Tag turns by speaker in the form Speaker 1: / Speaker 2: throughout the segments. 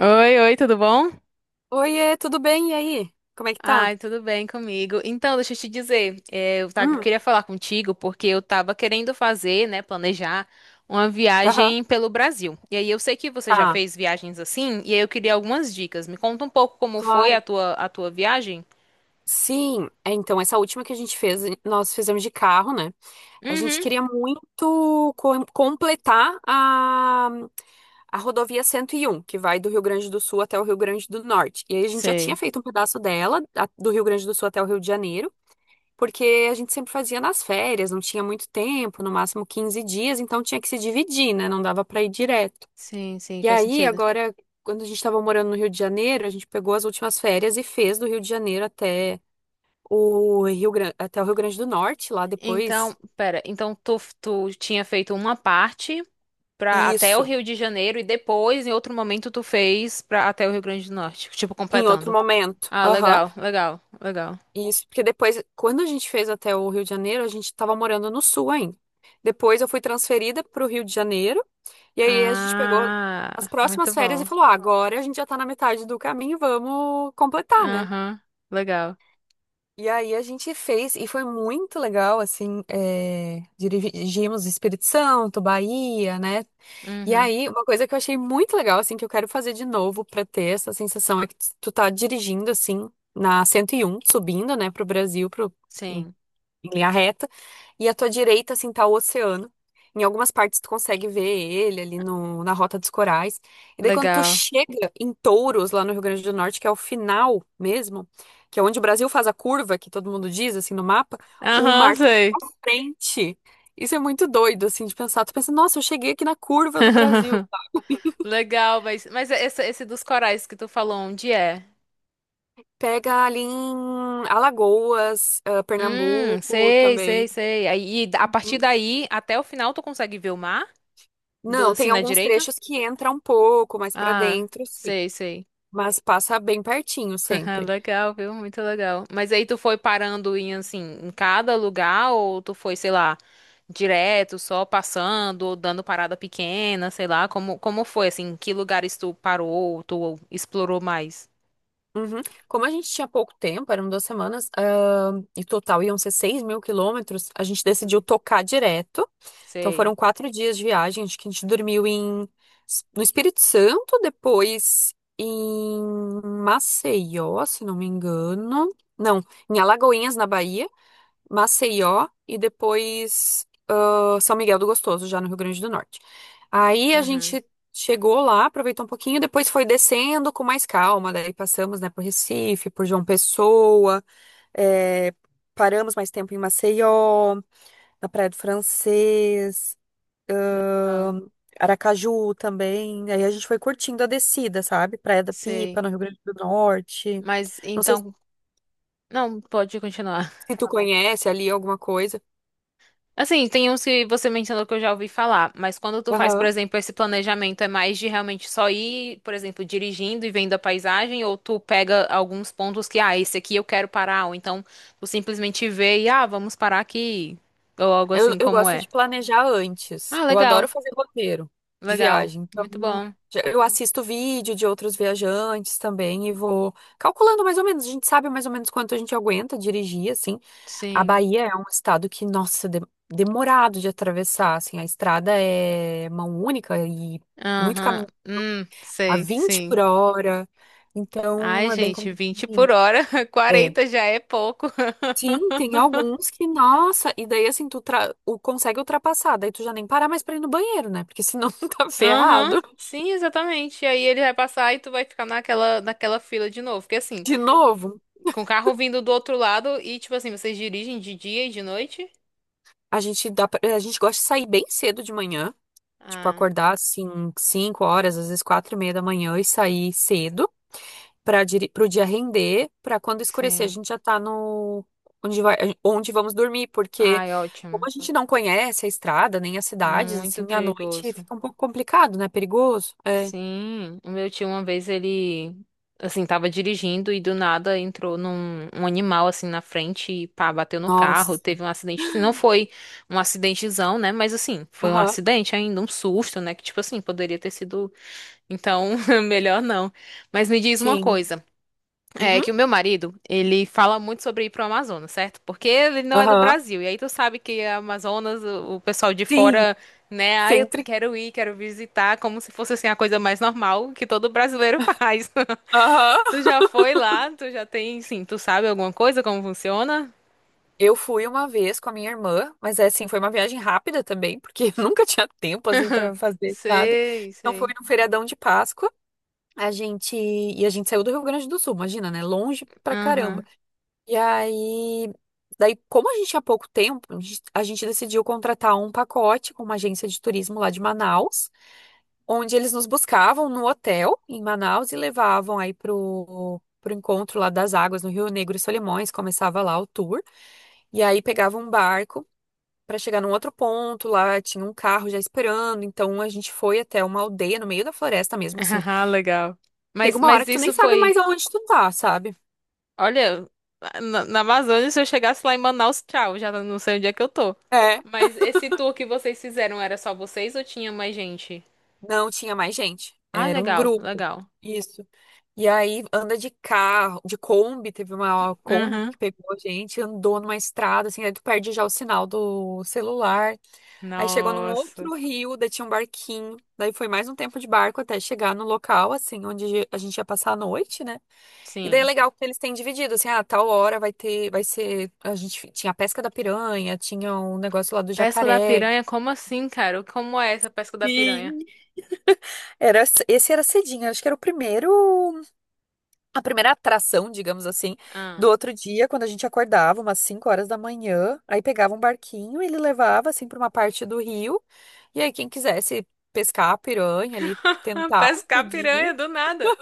Speaker 1: Oi, oi, tudo bom?
Speaker 2: Oiê, tudo bem? E aí? Como é que tá?
Speaker 1: Ai, tudo bem comigo. Então, deixa eu te dizer, eu
Speaker 2: Hum,
Speaker 1: queria falar contigo porque eu tava querendo fazer, né, planejar uma
Speaker 2: aham,
Speaker 1: viagem pelo Brasil. E aí eu sei que você já
Speaker 2: tá,
Speaker 1: fez viagens assim, e aí eu queria algumas dicas. Me conta um pouco como foi a
Speaker 2: claro.
Speaker 1: tua, a tua viagem?
Speaker 2: Sim, é, então, essa última que a gente fez, nós fizemos de carro, né? A gente
Speaker 1: Uhum.
Speaker 2: queria muito completar a rodovia 101, que vai do Rio Grande do Sul até o Rio Grande do Norte. E aí a gente já tinha
Speaker 1: Sei.
Speaker 2: feito um pedaço dela, do Rio Grande do Sul até o Rio de Janeiro, porque a gente sempre fazia nas férias, não tinha muito tempo, no máximo 15 dias, então tinha que se dividir, né? Não dava pra ir direto.
Speaker 1: Sim, sim,
Speaker 2: E
Speaker 1: faz
Speaker 2: aí,
Speaker 1: sentido.
Speaker 2: agora, quando a gente estava morando no Rio de Janeiro, a gente pegou as últimas férias e fez do Rio de Janeiro até o Rio Grande, até o Rio Grande do Norte, lá depois.
Speaker 1: Então, pera, então tu tinha feito uma parte para até o
Speaker 2: Isso,
Speaker 1: Rio de Janeiro e depois, em outro momento, tu fez para até o Rio Grande do Norte, tipo
Speaker 2: em outro
Speaker 1: completando.
Speaker 2: momento.
Speaker 1: Ah,
Speaker 2: Aham.
Speaker 1: legal, legal, legal.
Speaker 2: Isso, porque depois, quando a gente fez até o Rio de Janeiro, a gente estava morando no Sul ainda. Depois eu fui transferida para o Rio de Janeiro, e aí a gente pegou as
Speaker 1: Ah,
Speaker 2: próximas
Speaker 1: muito
Speaker 2: férias e
Speaker 1: bom.
Speaker 2: falou: ah, agora a gente já está na metade do caminho, vamos completar, né?
Speaker 1: Aham, legal.
Speaker 2: E aí a gente fez, e foi muito legal, assim, é, dirigimos Espírito Santo, Bahia, né? E
Speaker 1: Uhum,
Speaker 2: aí, uma coisa que eu achei muito legal, assim, que eu quero fazer de novo pra ter essa sensação é que tu tá dirigindo, assim, na 101 subindo, né, pro Brasil, pro,
Speaker 1: sim,
Speaker 2: em linha reta, e à tua direita, assim, tá o oceano. Em algumas partes tu consegue ver ele ali no, na Rota dos Corais. E daí quando tu
Speaker 1: legal.
Speaker 2: chega em Touros, lá no Rio Grande do Norte, que é o final mesmo, que é onde o Brasil faz a curva, que todo mundo diz, assim, no mapa, o
Speaker 1: Aham,
Speaker 2: mar tá
Speaker 1: sei.
Speaker 2: pra frente. Isso é muito doido, assim, de pensar. Tu pensa, nossa, eu cheguei aqui na curva do Brasil.
Speaker 1: Legal, mas, mas esse dos corais que tu falou, onde é?
Speaker 2: Pega ali em Alagoas, ah, Pernambuco
Speaker 1: Sei, sei,
Speaker 2: também.
Speaker 1: sei. Aí, e a partir
Speaker 2: Uhum.
Speaker 1: daí, até o final, tu consegue ver o mar? Do,
Speaker 2: Não,
Speaker 1: assim,
Speaker 2: tem
Speaker 1: na
Speaker 2: alguns
Speaker 1: direita?
Speaker 2: trechos que entra um pouco mais pra
Speaker 1: Ah,
Speaker 2: dentro, sim.
Speaker 1: sei, sei.
Speaker 2: Mas passa bem pertinho
Speaker 1: Ah,
Speaker 2: sempre.
Speaker 1: legal, viu? Muito legal. Mas aí tu foi parando em assim, em cada lugar ou tu foi, sei lá, direto, só passando ou dando parada pequena, sei lá, como foi assim, em que lugares tu parou, tu explorou mais?
Speaker 2: Uhum. Como a gente tinha pouco tempo, eram 2 semanas, ah, e total iam ser 6.000 quilômetros, a gente decidiu tocar direto. Então
Speaker 1: Sei.
Speaker 2: foram 4 dias de viagem, acho que a gente dormiu em, no Espírito Santo, depois em Maceió, se não me engano. Não, em Alagoinhas, na Bahia, Maceió, e depois. São Miguel do Gostoso, já no Rio Grande do Norte. Aí a
Speaker 1: Uhum.
Speaker 2: gente chegou lá, aproveitou um pouquinho, depois foi descendo com mais calma. Daí passamos, né, por Recife, por João Pessoa, é, paramos mais tempo em Maceió, na Praia do Francês,
Speaker 1: Legal.
Speaker 2: ahn, Aracaju também. Aí a gente foi curtindo a descida, sabe? Praia da Pipa,
Speaker 1: Sei.
Speaker 2: no Rio Grande do Norte.
Speaker 1: Mas
Speaker 2: Não sei
Speaker 1: então, não, pode continuar.
Speaker 2: se tu conhece ali alguma coisa.
Speaker 1: Assim, tem uns que você mencionou que eu já ouvi falar, mas quando tu faz, por
Speaker 2: Aham.
Speaker 1: exemplo, esse planejamento, é mais de realmente só ir, por exemplo, dirigindo e vendo a paisagem, ou tu pega alguns pontos que, ah, esse aqui eu quero parar, ou então tu simplesmente vê e, ah, vamos parar aqui, ou algo
Speaker 2: Eu,
Speaker 1: assim
Speaker 2: eu
Speaker 1: como
Speaker 2: gosto
Speaker 1: é.
Speaker 2: de planejar antes.
Speaker 1: Ah,
Speaker 2: Eu adoro
Speaker 1: legal,
Speaker 2: fazer roteiro de
Speaker 1: legal,
Speaker 2: viagem. Então,
Speaker 1: muito bom,
Speaker 2: eu assisto vídeo de outros viajantes também e vou calculando mais ou menos. A gente sabe mais ou menos quanto a gente aguenta dirigir, assim. A
Speaker 1: sim,
Speaker 2: Bahia é um estado que, nossa, demorado de atravessar, assim. A estrada é mão única e muito
Speaker 1: aham,
Speaker 2: caminho
Speaker 1: hum,
Speaker 2: a
Speaker 1: sei,
Speaker 2: 20 por
Speaker 1: sim.
Speaker 2: hora. Então,
Speaker 1: Ai,
Speaker 2: é bem
Speaker 1: gente, 20
Speaker 2: complicadinho.
Speaker 1: por hora,
Speaker 2: É.
Speaker 1: 40 já é pouco.
Speaker 2: Sim, tem alguns que, nossa, e daí assim, consegue ultrapassar, daí tu já nem parar mais pra ir no banheiro, né? Porque senão tu tá
Speaker 1: Aham,
Speaker 2: ferrado.
Speaker 1: sim, exatamente. E aí ele vai passar e tu vai ficar naquela fila de novo. Porque assim,
Speaker 2: De novo,
Speaker 1: com o carro vindo do outro lado e tipo assim, vocês dirigem de dia e de noite?
Speaker 2: a gente gosta de sair bem cedo de manhã, tipo,
Speaker 1: Ah,
Speaker 2: acordar assim, 5 horas, às vezes 4:30 da manhã e sair cedo pro dia render, pra quando escurecer a
Speaker 1: sim.
Speaker 2: gente já tá no, onde vai, onde vamos dormir, porque
Speaker 1: Ai,
Speaker 2: como
Speaker 1: ótimo.
Speaker 2: a gente não conhece a estrada, nem as cidades,
Speaker 1: Muito
Speaker 2: assim, à noite
Speaker 1: perigoso.
Speaker 2: fica um pouco complicado, né? Perigoso. É.
Speaker 1: Sim, o meu tio uma vez ele, assim, tava dirigindo e do nada entrou num animal assim na frente e pá, bateu no carro.
Speaker 2: Nossa.
Speaker 1: Teve um acidente, assim, não foi um acidentezão, né? Mas assim, foi um
Speaker 2: Aham.
Speaker 1: acidente ainda, um susto, né? Que tipo assim, poderia ter sido. Então, melhor não. Mas me diz uma
Speaker 2: Sim.
Speaker 1: coisa, é
Speaker 2: Uhum.
Speaker 1: que o meu marido, ele fala muito sobre ir pro Amazonas, certo? Porque ele não é do
Speaker 2: Aham.
Speaker 1: Brasil. E aí tu sabe que a Amazonas, o pessoal de
Speaker 2: Sim.
Speaker 1: fora, né, ah, eu
Speaker 2: Sempre.
Speaker 1: quero ir, quero visitar, como se fosse assim a coisa mais normal que todo brasileiro faz.
Speaker 2: Aham.
Speaker 1: Tu já foi lá? Tu já tem, sim, tu sabe alguma coisa como funciona?
Speaker 2: Eu fui uma vez com a minha irmã, mas é assim, foi uma viagem rápida também, porque eu nunca tinha tempo assim para fazer nada.
Speaker 1: Sei,
Speaker 2: Então foi
Speaker 1: sei.
Speaker 2: no feriadão de Páscoa. A gente saiu do Rio Grande do Sul, imagina, né? Longe pra caramba.
Speaker 1: Aham.
Speaker 2: E aí, daí como a gente tinha pouco tempo, a gente decidiu contratar um pacote com uma agência de turismo lá de Manaus, onde eles nos buscavam no hotel em Manaus e levavam aí pro, pro encontro lá das águas no Rio Negro e Solimões, começava lá o tour, e aí pegava um barco para chegar num outro ponto, lá tinha um carro já esperando, então a gente foi até uma aldeia no meio da floresta mesmo, assim.
Speaker 1: Ah, legal.
Speaker 2: Chega
Speaker 1: Mas
Speaker 2: uma hora
Speaker 1: mas
Speaker 2: que tu nem
Speaker 1: isso
Speaker 2: sabe
Speaker 1: foi.
Speaker 2: mais aonde tu tá, sabe?
Speaker 1: Olha, na Amazônia, se eu chegasse lá em Manaus, tchau, já não sei onde é que eu tô.
Speaker 2: É,
Speaker 1: Mas esse tour que vocês fizeram era só vocês ou tinha mais gente?
Speaker 2: não tinha mais gente,
Speaker 1: Ah,
Speaker 2: era um
Speaker 1: legal,
Speaker 2: grupo.
Speaker 1: legal.
Speaker 2: Isso. E aí anda de carro, de Kombi, teve uma Kombi
Speaker 1: Uhum.
Speaker 2: que pegou a gente, andou numa estrada, assim, aí tu perde já o sinal do celular. Aí chegou num
Speaker 1: Nossa.
Speaker 2: outro rio, daí tinha um barquinho, daí foi mais um tempo de barco até chegar no local, assim, onde a gente ia passar a noite, né? E daí é
Speaker 1: Sim.
Speaker 2: legal que eles têm dividido, assim, ah, tal hora vai ter, vai ser, a gente tinha a pesca da piranha, tinha um negócio lá do
Speaker 1: Pesca da
Speaker 2: jacaré.
Speaker 1: piranha? Como assim, cara? Como é essa pesca da piranha?
Speaker 2: Sim. Era, esse era cedinho, acho que era o primeiro, a primeira atração, digamos assim,
Speaker 1: Ah.
Speaker 2: do outro dia, quando a gente acordava, umas 5 horas da manhã, aí pegava um barquinho, ele levava assim para uma parte do rio, e aí quem quisesse pescar piranha ali, tentar,
Speaker 1: Pescar
Speaker 2: podia.
Speaker 1: piranha do nada.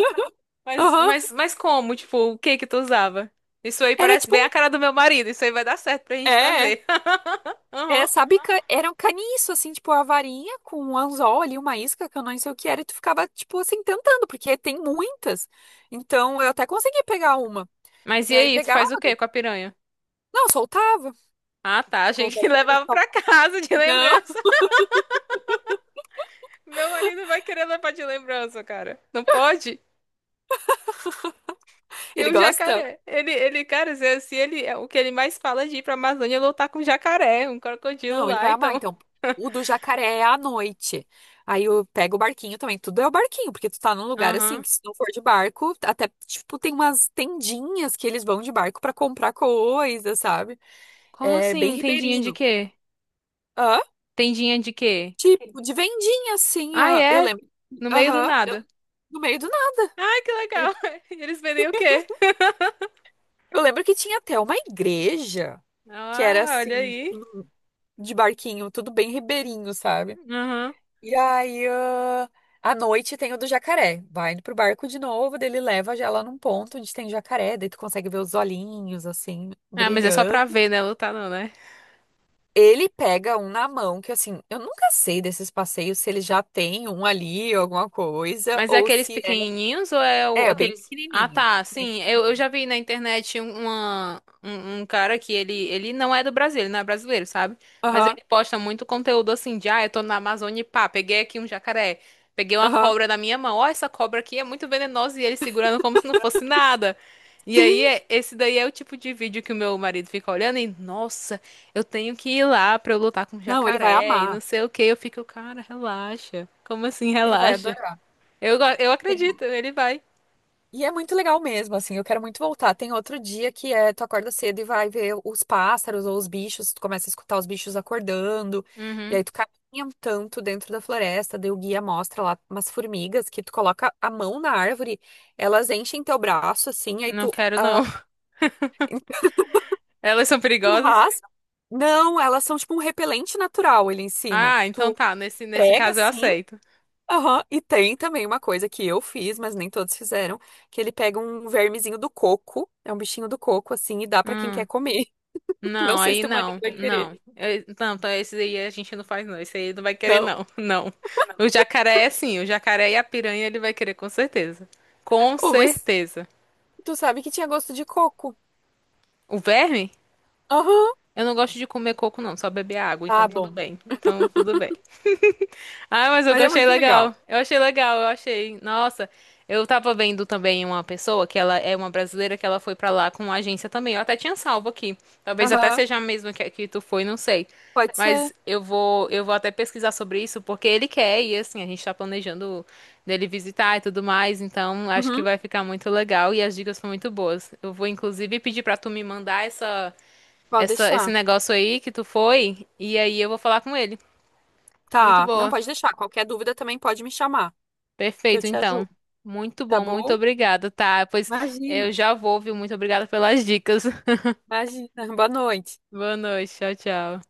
Speaker 1: Mas,
Speaker 2: Aham.
Speaker 1: mas, mas como? Tipo, o que que tu usava? Isso aí
Speaker 2: Era
Speaker 1: parece
Speaker 2: tipo
Speaker 1: bem
Speaker 2: um.
Speaker 1: a cara do meu marido. Isso aí vai dar certo pra gente
Speaker 2: É.
Speaker 1: fazer.
Speaker 2: É,
Speaker 1: Uhum.
Speaker 2: sabe, era um caniço, assim, tipo, a varinha com um anzol ali, uma isca, que eu não sei o que era, e tu ficava, tipo, assim, tentando, porque tem muitas. Então, eu até consegui pegar uma.
Speaker 1: Mas e
Speaker 2: E aí
Speaker 1: aí, tu
Speaker 2: pegava,
Speaker 1: faz o que com a piranha?
Speaker 2: não, soltava.
Speaker 1: Ah, tá. Achei que levava
Speaker 2: Colocava...
Speaker 1: pra casa de
Speaker 2: Não,
Speaker 1: lembrança. Meu marido vai querer levar de lembrança, cara. Não pode? E
Speaker 2: ele
Speaker 1: o
Speaker 2: gosta.
Speaker 1: jacaré? Ele, cara, se ele, o que ele mais fala é de ir pra Amazônia é lutar com jacaré, um crocodilo
Speaker 2: Não, ele
Speaker 1: lá,
Speaker 2: vai amar.
Speaker 1: então.
Speaker 2: Então, o do jacaré é à noite. Aí eu pego o barquinho também. Tudo é o barquinho, porque tu tá num lugar assim,
Speaker 1: Aham.
Speaker 2: que se não for de barco, até, tipo, tem umas tendinhas que eles vão de barco pra comprar coisa, sabe?
Speaker 1: Como
Speaker 2: É bem
Speaker 1: assim? Tendinha de
Speaker 2: ribeirinho.
Speaker 1: quê?
Speaker 2: Hã?
Speaker 1: Tendinha de quê?
Speaker 2: Tipo, de vendinha, assim,
Speaker 1: Ah,
Speaker 2: ah, eu
Speaker 1: é?
Speaker 2: lembro.
Speaker 1: No meio do
Speaker 2: Aham,
Speaker 1: nada.
Speaker 2: no meio do nada.
Speaker 1: Ai, que legal. E eles vendem o quê?
Speaker 2: Eu lembro que tinha até uma igreja que era
Speaker 1: Ah, olha
Speaker 2: assim,
Speaker 1: aí.
Speaker 2: tudo de barquinho, tudo bem ribeirinho, sabe?
Speaker 1: Aham.
Speaker 2: E aí, ah, à noite tem o do jacaré. Vai pro barco de novo, daí ele leva já lá num ponto onde tem jacaré, daí tu consegue ver os olhinhos, assim,
Speaker 1: Ah, mas é só
Speaker 2: brilhando.
Speaker 1: pra ver, né? Lutar não, né?
Speaker 2: Ele pega um na mão, que assim, eu nunca sei desses passeios se ele já tem um ali, alguma coisa,
Speaker 1: Mas é
Speaker 2: ou
Speaker 1: aqueles
Speaker 2: se é.
Speaker 1: pequenininhos ou é
Speaker 2: É, bem
Speaker 1: aqueles. Ah,
Speaker 2: pequenininho.
Speaker 1: tá,
Speaker 2: Bem
Speaker 1: sim. Eu
Speaker 2: pequenininho.
Speaker 1: já vi na internet um cara que ele não é do Brasil, ele não é brasileiro, sabe? Mas
Speaker 2: Aham,
Speaker 1: ele posta muito conteúdo assim de, ah, eu tô na Amazônia e pá, peguei aqui um jacaré, peguei uma
Speaker 2: aham.
Speaker 1: cobra na minha mão, ó, essa cobra aqui é muito venenosa e ele segurando como se não fosse nada. E
Speaker 2: Sim!
Speaker 1: aí, esse daí é o tipo de vídeo que o meu marido fica olhando e, nossa, eu tenho que ir lá pra eu lutar com o
Speaker 2: Não, ele vai
Speaker 1: jacaré e não
Speaker 2: amar.
Speaker 1: sei o que. Eu fico, cara, relaxa. Como assim,
Speaker 2: Ele vai
Speaker 1: relaxa?
Speaker 2: adorar.
Speaker 1: Eu acredito, ele vai.
Speaker 2: E é muito legal mesmo, assim, eu quero muito voltar. Tem outro dia que é, tu acorda cedo e vai ver os pássaros ou os bichos, tu começa a escutar os bichos acordando, e
Speaker 1: Uhum.
Speaker 2: aí tu caminha um tanto dentro da floresta, daí o guia mostra lá umas formigas que tu coloca a mão na árvore, elas enchem teu braço, assim, aí
Speaker 1: Não
Speaker 2: tu,
Speaker 1: quero,
Speaker 2: ah,
Speaker 1: não. Elas são
Speaker 2: tu
Speaker 1: perigosas?
Speaker 2: raspa. Não, elas são tipo um repelente natural, ele ensina.
Speaker 1: Ah, então
Speaker 2: Tu
Speaker 1: tá. Nesse
Speaker 2: prega,
Speaker 1: caso eu
Speaker 2: assim.
Speaker 1: aceito.
Speaker 2: Aham. E tem também uma coisa que eu fiz, mas nem todos fizeram, que ele pega um vermezinho do coco, é um bichinho do coco, assim, e dá pra quem quer
Speaker 1: Hum.
Speaker 2: comer. Não
Speaker 1: Não,
Speaker 2: sei se
Speaker 1: aí
Speaker 2: teu marido
Speaker 1: não.
Speaker 2: vai
Speaker 1: Não.
Speaker 2: querer.
Speaker 1: Não, então esse aí a gente não faz, não. Esse aí não vai querer,
Speaker 2: Não?
Speaker 1: não. Não. O jacaré é sim. O jacaré e a piranha ele vai querer, com certeza. Com
Speaker 2: Oh, mas
Speaker 1: certeza.
Speaker 2: tu sabe que tinha gosto de coco.
Speaker 1: O verme?
Speaker 2: Aham.
Speaker 1: Eu não gosto de comer coco, não. Só beber água.
Speaker 2: Ah,
Speaker 1: Então tudo
Speaker 2: bom.
Speaker 1: bem. Então tudo bem. Ah, mas eu
Speaker 2: Mas é
Speaker 1: achei
Speaker 2: muito
Speaker 1: legal.
Speaker 2: legal.
Speaker 1: Eu achei legal, eu achei. Nossa, eu tava vendo também uma pessoa que ela é uma brasileira que ela foi pra lá com uma agência também. Eu até tinha salvo aqui. Talvez até
Speaker 2: Aham.
Speaker 1: seja a mesma que tu foi, não sei.
Speaker 2: Pode ser.
Speaker 1: Mas eu vou até pesquisar sobre isso porque ele quer e assim, a gente tá planejando dele visitar e tudo mais, então acho que
Speaker 2: Uhum.
Speaker 1: vai ficar muito legal e as dicas são muito boas. Eu vou inclusive pedir pra tu me mandar
Speaker 2: Pode
Speaker 1: esse
Speaker 2: deixar.
Speaker 1: negócio aí que tu foi e aí eu vou falar com ele. Muito
Speaker 2: Tá. Não,
Speaker 1: boa.
Speaker 2: pode deixar. Qualquer dúvida também pode me chamar, que eu
Speaker 1: Perfeito,
Speaker 2: te
Speaker 1: então.
Speaker 2: ajudo.
Speaker 1: Muito
Speaker 2: Tá
Speaker 1: bom, muito
Speaker 2: bom?
Speaker 1: obrigada, tá? Pois
Speaker 2: Imagina.
Speaker 1: eu já vou, viu? Muito obrigada pelas dicas.
Speaker 2: Imagina. Boa noite.
Speaker 1: Boa noite, tchau, tchau.